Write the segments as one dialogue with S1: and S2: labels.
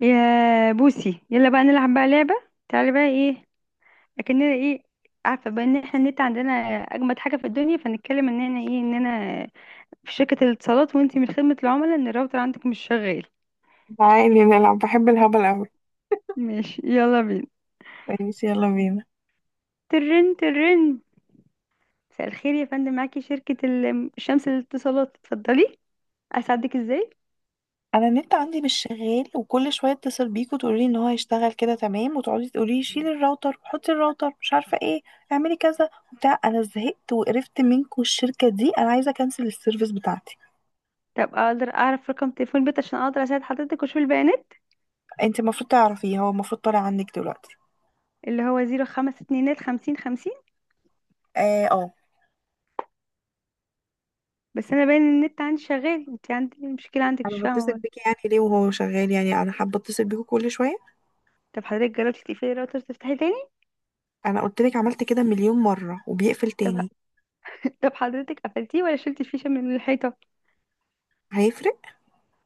S1: يا بوسي، يلا بقى نلعب بقى لعبة. تعالي بقى، ايه؟ اكننا ايه؟ عارفة بقى ان احنا النت عندنا اجمد حاجة في الدنيا، فنتكلم اننا في شركة الاتصالات، وانتي من خدمة العملاء، ان الراوتر عندك مش شغال.
S2: تعالي نلعب، بحب الهبل أوي.
S1: ماشي يلا بينا.
S2: ماشي يلا بينا.
S1: ترن ترن. مساء الخير يا فندم، معاكي شركة شمس الاتصالات، اتفضلي اساعدك ازاي؟
S2: أنا النت عندي مش شغال، وكل شوية اتصل بيك وتقولي إن هو هيشتغل كده تمام، وتقعدي تقولي شيلي الراوتر وحطي الراوتر، مش عارفة ايه، اعملي كذا وبتاع. أنا زهقت وقرفت منكم الشركة دي، أنا عايزة أكنسل السيرفيس بتاعتي.
S1: طب اقدر اعرف رقم تليفون البيت عشان اقدر اساعد حضرتك واشوف البيانات؟
S2: أنت المفروض تعرفيه، هو المفروض طالع عندك دلوقتي.
S1: اللي هو زيرو خمسة اتنينات خمسين خمسين.
S2: اه، اه.
S1: بس انا باين ان النت عندي شغال. انت عندك المشكلة عندك، مش
S2: انا بتصل
S1: فاهمة.
S2: بيك يعني ليه وهو شغال؟ يعني انا حابه اتصل بيكوا كل شويه؟
S1: طب حضرتك جربتي تقفلي الراوتر تفتحي تاني؟
S2: انا قلت لك عملت كده مليون مره وبيقفل
S1: طب.
S2: تاني.
S1: طب حضرتك قفلتيه ولا شلتي الفيشه من الحيطه؟
S2: هيفرق؟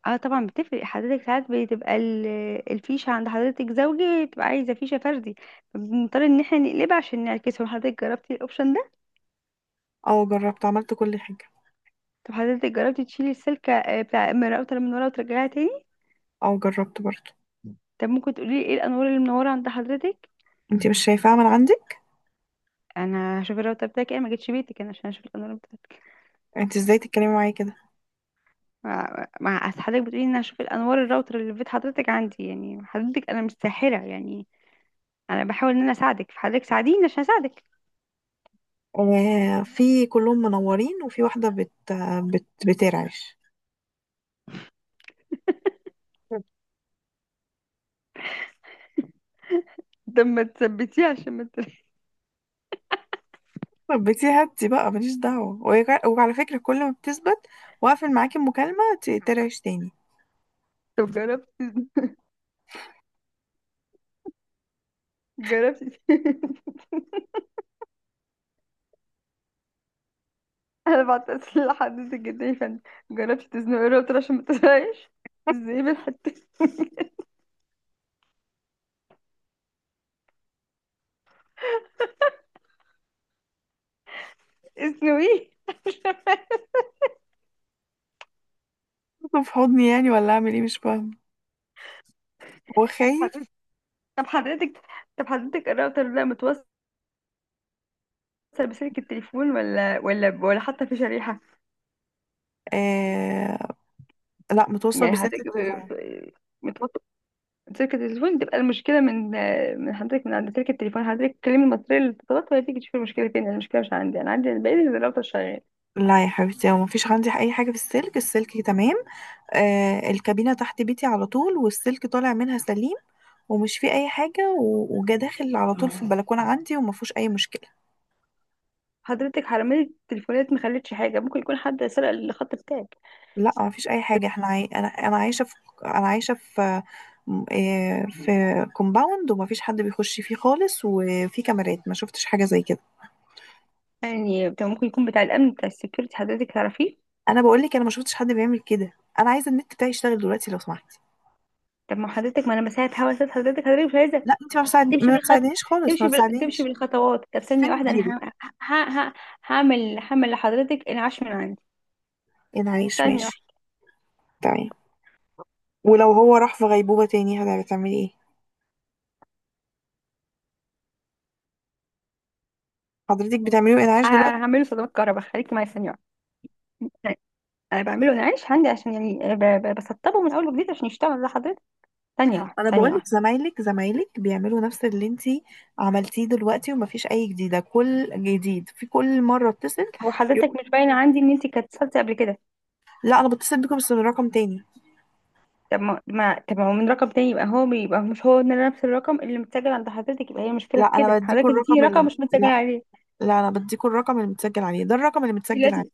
S1: اه طبعا بتفرق حضرتك. ساعات بتبقى الفيشه عند حضرتك زوجي، بتبقى عايزه فيشه فردي، فبنضطر ان احنا نقلبها عشان نعكسه. حضرتك جربتي الاوبشن ده؟
S2: اه جربت، عملت كل حاجه.
S1: طب حضرتك جربتي تشيلي السلكه، بتاع، من الراوتر من ورا وترجعيها تاني؟
S2: اه جربت برضه.
S1: طب ممكن تقولي لي ايه الانوار اللي منوره عند حضرتك؟
S2: انت مش شايفاها من عندك؟
S1: انا هشوف الراوتر بتاعك ايه، ما جيتش بيتك انا عشان اشوف الانوار بتاعتك.
S2: انت ازاي تتكلمي معايا كده؟
S1: أصل حضرتك بتقولي ان أنا هشوف الانوار الراوتر اللي في بيت حضرتك عندي، يعني حضرتك انا مش ساحره يعني. انا بحاول ان انا اساعدك، فحضرتك ساعديني عشان اساعدك.
S2: آه، في كلهم منورين، وفي واحده بت بت بترعش.
S1: ده ما تثبتيه عشان ما ت-
S2: طب بتي هاتي بقى، ماليش دعوه، وعلى فكره كل ما بتثبت واقفل معاكي المكالمه ترعش تاني.
S1: طب جربتي، جربتي انا بعتذر لحضرتك جدا يا فندم. جربتي تزنقي الراوتر عشان ما تزهقش؟ ازاي بالحته؟ اسنويه.
S2: طب في حضني يعني ولا اعمل ايه؟ مش فاهمه، هو خايف.
S1: حضرتك- طب حضرتك، طب حضرتك الراوتر ده متوصل بسلك التليفون، ولا حتى في شريحه؟
S2: آه. لا، متوصل
S1: يعني
S2: بسلك
S1: حضرتك
S2: التليفون.
S1: متوصل سلك التليفون، تبقى المشكلة من حضرتك، من عند سلك التليفون. حضرتك تكلمي المصرية للاتصالات، وهي تيجي تشوف المشكلة فين. أنا المشكلة مش عندي، أنا عندي الباقي الراوتر شغال.
S2: لا يا حبيبتي، هو مفيش عندي اي حاجه، في السلك، السلك تمام. آه، الكابينه تحت بيتي على طول، والسلك طالع منها سليم، ومش فيه اي حاجه، وجا داخل على طول في البلكونه عندي، وما فيهوش اي مشكله.
S1: حضرتك حرماني التليفونات ما خلتش حاجة. ممكن يكون حد سرق الخط بتاعك.
S2: لا، ما فيش اي حاجه، انا عايشه في انا عايشه في م- إيه، في كومباوند، وما فيش حد بيخش فيه خالص، وفي كاميرات ما شفتش حاجه زي كده.
S1: يعني، طب ممكن يكون بتاع الأمن، بتاع السكيورتي، حضرتك تعرفيه؟
S2: انا بقول لك، انا ما شفتش حد بيعمل كده. انا عايزه النت بتاعي يشتغل دلوقتي لو سمحتي.
S1: طب ما حضرتك، ما أنا بساعد، هوا ساعد حضرتك مش عايزة
S2: لا، انت
S1: تمشي
S2: ما
S1: بالخط،
S2: بتساعدنيش خالص، ما
S1: تمشي تمشي
S2: بتساعدنيش.
S1: بالخطوات. طب
S2: فين
S1: ثانية واحدة
S2: مديري؟
S1: أنا ه... ه... هعمل، لحضرتك انعاش من عندي.
S2: انعاش،
S1: ثانية
S2: ماشي.
S1: واحدة.
S2: تمام. ولو هو راح في غيبوبه تاني هتعملي ايه؟ حضرتك بتعمليه انعاش دلوقتي؟
S1: هعمله صدمات كهرباء، خليكي معايا ثانية واحدة. انا بعمله، انا عايش عندي، عشان يعني، بسطبه من اول وجديد عشان يشتغل لحضرتك. ثانيه واحده،
S2: انا
S1: ثانيه
S2: بقولك،
S1: واحده.
S2: زمايلك بيعملوا نفس اللي انتي عملتيه دلوقتي، ومفيش اي جديده، كل جديد في كل مره اتصل.
S1: هو
S2: يقول.
S1: حضرتك مش باينه عندي ان انت كانت اتصلتي قبل كده.
S2: لا، انا بتصل بيكم بس من رقم تاني.
S1: طب ما هو من رقم تاني، يبقى يبقى مش هو نفس الرقم اللي متسجل عند حضرتك. يبقى هي مشكله
S2: لا،
S1: في
S2: انا
S1: كده،
S2: بديكوا
S1: حضرتك اديتيني
S2: الرقم
S1: رقم
S2: اللي...
S1: مش متسجل
S2: لا،
S1: عليه.
S2: لا، انا بديكوا الرقم اللي متسجل عليه، ده الرقم اللي
S1: انت
S2: متسجل عليه.
S1: لازم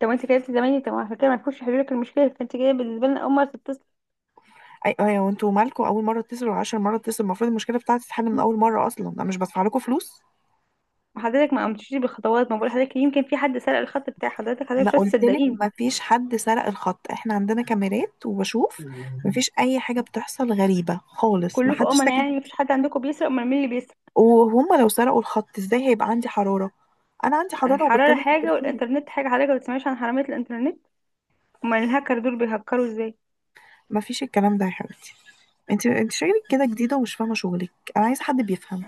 S1: طب انت كلمتي زمايلي، طب عشان كده ما تكونش حضرتك المشكله، فانت جايه بالنسبه لنا اول مره تتصل.
S2: اي ايوه، وانتوا مالكوا؟ اول مره اتصل وعشر مره اتصل، المفروض المشكله بتاعتي تتحل من اول مره، اصلا انا مش بدفع لكم فلوس.
S1: حضرتك ما قمتيش بالخطوات. ما بقول حضرتك يمكن في حد سرق الخط بتاع حضرتك، حضرتك
S2: ما
S1: مش
S2: قلتلك
S1: هتصدقيني.
S2: مفيش حد سرق الخط، احنا عندنا كاميرات وبشوف، مفيش اي حاجه بتحصل غريبه خالص،
S1: كلكم
S2: محدش
S1: امنا،
S2: ساكت.
S1: يعني مفيش حد عندكم بيسرق؟ امال مين اللي بيسرق؟
S2: وهم لو سرقوا الخط ازاي هيبقى عندي حرارة؟ انا عندي حرارة
S1: الحرارة
S2: وبتكلم في
S1: حاجة
S2: التليفون.
S1: والإنترنت حاجة، حضرتك ما بتسمعيش عن حرامية الإنترنت؟ أمال الهاكر دول بيهكروا إزاي؟
S2: مفيش الكلام ده يا حبيبتي، انت شغلك كده جديدة ومش فاهمة شغلك. انا عايزة حد بيفهم.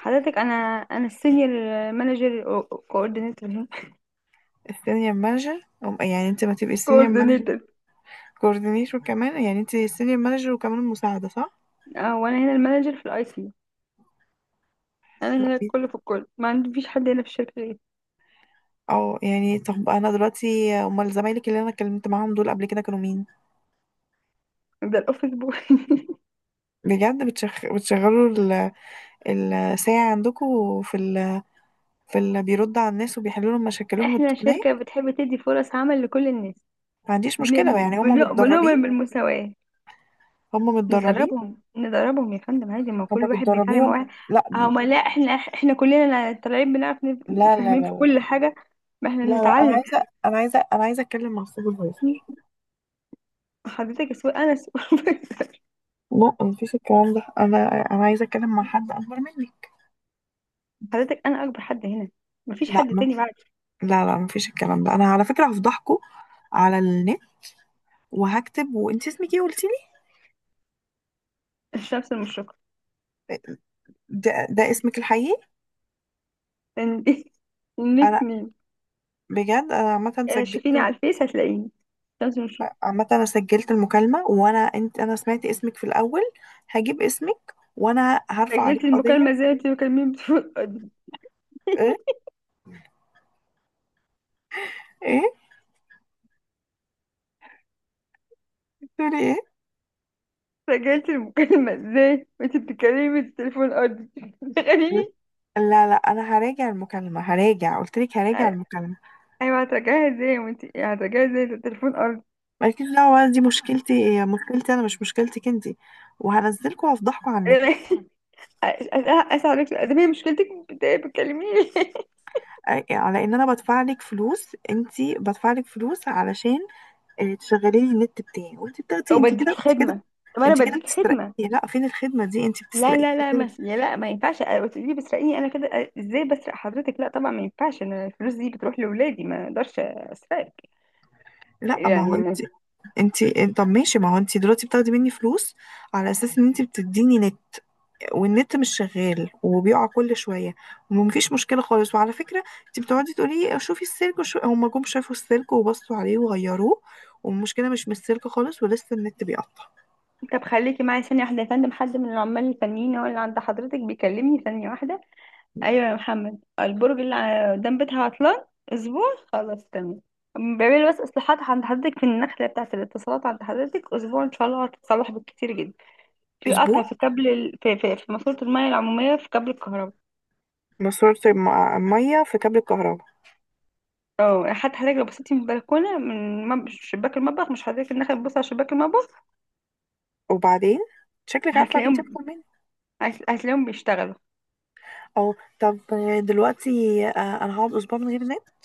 S1: حضرتك أنا، السينيور مانجر كوردينيتور.
S2: السينيور مانجر يعني انت ما تبقي السينيور مانجر
S1: كوردينيتور.
S2: كوردينيتور كمان، يعني انت السينيور مانجر وكمان المساعدة، صح؟
S1: أه، وأنا هنا المانجر في الأي سي. أنا هنا
S2: دلوقتي؟
S1: الكل في الكل، ما عنديش حد هنا في الشركة غيري.
S2: اه يعني، طب انا دلوقتي امال زمايلك اللي انا اتكلمت معاهم دول قبل كده كانوا مين؟
S1: ده الأوفيس بوي.
S2: بجد بتشغلوا ال... الساعة عندكم في ال... في اللي بيرد على الناس وبيحلوا لهم مشاكلهم
S1: إحنا شركة
S2: التقنية؟
S1: بتحب تدي فرص عمل لكل الناس.
S2: ما عنديش مشكلة، يعني هم متدربين.
S1: بنؤمن بالمساواة.
S2: هم متدربين.
S1: ندربهم ندربهم يا فندم، عادي، ما هو
S2: هم
S1: كل واحد بيتعلم
S2: بتدربيهم؟
S1: واحد.
S2: لا،
S1: هما، لا احنا، كلنا طالعين بنعرف،
S2: لا، لا.
S1: فاهمين في كل
S2: لا،
S1: حاجة. ما احنا
S2: لا، لا،
S1: بنتعلم.
S2: انا عايزة اتكلم مع السوبرفايزر.
S1: حضرتك سوق، انا سوق.
S2: لا مفيش الكلام ده، انا انا عايزة اتكلم مع حد اكبر منك.
S1: حضرتك انا اكبر حد هنا، مفيش
S2: لا
S1: حد
S2: ما
S1: تاني بعد.
S2: لا، لا، مفيش الكلام ده، انا على فكرة هفضحكوا على النت وهكتب. وانت اسمك ايه قلتي لي؟
S1: الشمس المشرقة.
S2: ده اسمك الحقيقي؟
S1: إن- انك
S2: انا
S1: مين؟
S2: بجد انا عامة
S1: آه،
S2: سجلت.
S1: شوفيني على الفيس هتلاقيني. الشمس المشرقة.
S2: عامة انا سجلت المكالمة، وانا انت انا سمعت اسمك في الاول، هجيب اسمك وانا هرفع
S1: سجلت
S2: عليك
S1: المكالمة
S2: قضية.
S1: ازاي وانت بتكلميني بتليفون ارضي؟
S2: ايه؟ ايه؟ بتقولي ايه؟
S1: سجلت المكالمة ازاي وانت بتتكلمي بالتليفون ارضي؟ تخيلي.
S2: لا، لا، انا هراجع المكالمه، هراجع، قلت لك هراجع المكالمه.
S1: ايوه هترجعيها ازاي، وانت هترجعيها ازاي، ده التليفون ارض.
S2: مالكيش دعوه بقى، دي مشكلتي، هي مشكلتي انا مش مشكلتك انت، وهنزلكوا وهفضحكوا على النت.
S1: أنا اسف عليك، ده هي مشكلتك، بتكلميني.
S2: على ان انا بدفع لك فلوس، انت بدفع لك فلوس علشان تشغلي لي النت بتاعي، وانت بتاخدي،
S1: او
S2: انت كده،
S1: بديكي
S2: انت كده،
S1: خدمه، طب انا
S2: انت كده
S1: بديكي
S2: بتسرقي.
S1: خدمه.
S2: لا، فين الخدمه دي؟ انت
S1: لا
S2: بتسرقي
S1: لا لا،
S2: كده.
S1: ما يا لا، ما ينفعش تقولي بسرقيني. انا كده ازاي بسرق حضرتك؟ لا طبعا ما ينفعش، انا الفلوس دي بتروح لاولادي، ما اقدرش اسرقك.
S2: لا، ما هو
S1: يعني
S2: انت، انتي طب ماشي، ما هو انتي دلوقتي بتاخدي مني فلوس على اساس ان انتي بتديني نت، والنت مش شغال وبيقع كل شويه، ومفيش مشكله خالص، وعلى فكره انتي بتقعدي تقولي شوفي السلك، هما جم شافوا السلك وبصوا عليه وغيروه، والمشكله مش من السلك خالص، ولسه النت بيقطع.
S1: طب خليكي معايا ثانيه واحده يا فندم، حد من العمال الفنيين هو اللي عند حضرتك بيكلمني، ثانيه واحده. ايوه يا محمد، البرج اللي قدام بيتها عطلان اسبوع، خلاص تمام. بعملي بس اصلاحات عند حضرتك في النخله بتاعه الاتصالات عند حضرتك، اسبوع ان شاء الله هتتصلح بالكتير جدا. في
S2: اسبوع؟
S1: قطع في كابل في ماسوره الميه العموميه في كابل الكهرباء.
S2: مصرف ميه في كابل الكهرباء؟
S1: اه حتى حضرتك لو بصيتي من البلكونه، من شباك المطبخ، مش حضرتك النخله تبص على شباك المطبخ،
S2: وبعدين؟ شكلك عارفة بنتي أكتر
S1: هتلاقيهم،
S2: مني.
S1: هتلاقيهم بيشتغلوا.
S2: اه. طب. دلوقتي. أنا هقعد أسبوع من غير نت؟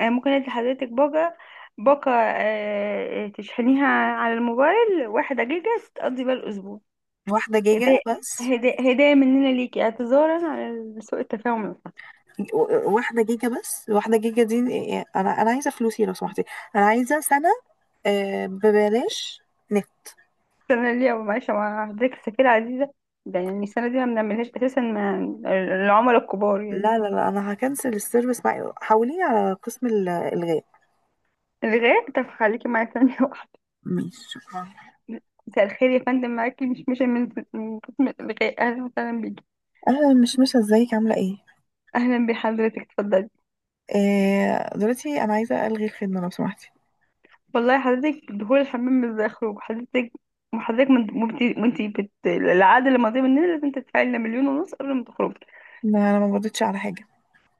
S1: انا ممكن ادي حضرتك باقه، تشحنيها على الموبايل واحدة جيجا تقضي بيها الأسبوع.
S2: واحدة
S1: هدايا،
S2: جيجا بس؟
S1: هدايا، هدايا مننا ليكي، اعتذارا على سوء التفاهم اللي حصل.
S2: 1 جيجا بس؟ 1 جيجا دي؟ أنا عايزة فلوسي لو سمحتي. أنا عايزة سنة، ببلاش نت.
S1: السنة اللي أو معلش مع حضرتك، السفيرة عزيزة ده، يعني السنة دي ما بنعملهاش أساسا مع العملاء الكبار يعني.
S2: لا، لا، لا، أنا هكنسل السيرفيس معي، حوليني على قسم الإلغاء.
S1: الغاء، طب خليكي معايا ثانية واحدة.
S2: ماشي، شكرا.
S1: مساء الخير يا فندم، معاكي مش من قسم الغاء، أهلا وسهلا بيكي.
S2: أنا مش مش ازيك عاملة ايه؟
S1: أهلا بحضرتك اتفضلي.
S2: دلوقتي أنا عايزة ألغي الخدمة لو سمحتي.
S1: والله حضرتك دخول الحمام مش زي خروج حضرتك. وحضرتك وانتي العقد اللي ماضي مننا لازم تدفعي لنا مليون ونص قبل ما تخرجي.
S2: لا، أنا ما مضيتش على حاجة.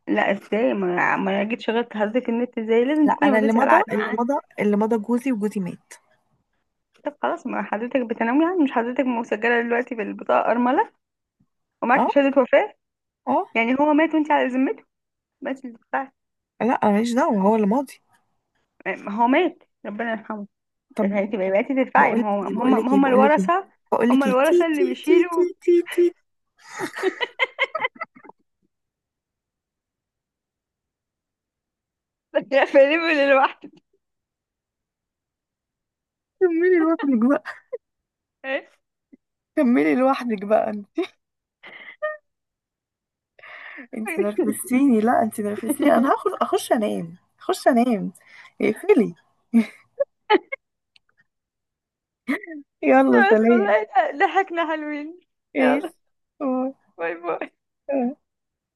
S1: لا ازاي، ما أنا جيت شغلت حضرتك النت، ازاي لازم
S2: لا،
S1: تكوني
S2: أنا اللي
S1: مضيتي على
S2: مضى،
S1: العقد
S2: اللي
S1: معاه.
S2: مضى، اللي مضى جوزي، وجوزي مات.
S1: طب خلاص، ما حضرتك بتنوي، يعني مش حضرتك مسجله دلوقتي بالبطاقه ارمله، ومعاكي
S2: اه،
S1: شهاده وفاه،
S2: اه.
S1: يعني هو مات وانت على ذمته، بس اللي تدفعي.
S2: لا، انا ماليش دعوة، هو اللي ماضي.
S1: ما هو مات ربنا يرحمه، بس
S2: طب،
S1: انت بقيتي تدفعي،
S2: بقول لك
S1: ما هو
S2: ايه،
S1: هم
S2: بقول لك
S1: هم
S2: ايه،
S1: هم
S2: بقول لك ايه،
S1: الورثه.
S2: بقول
S1: هم
S2: لك ايه، تي،
S1: الورثه
S2: تي،
S1: اللي
S2: تي،
S1: بيشيلوا.
S2: تي، تي، تي.
S1: فليبل لوحده.
S2: كملي لوحدك بقى، كملي لوحدك بقى انت. انت نرفزتيني، لا، انت نرفزتيني، انا هاخد اخش انام، اخش انام. اقفلي. يلا
S1: بس
S2: سلام.
S1: والله ضحكنا حلوين.
S2: ايش؟
S1: يلا، باي باي.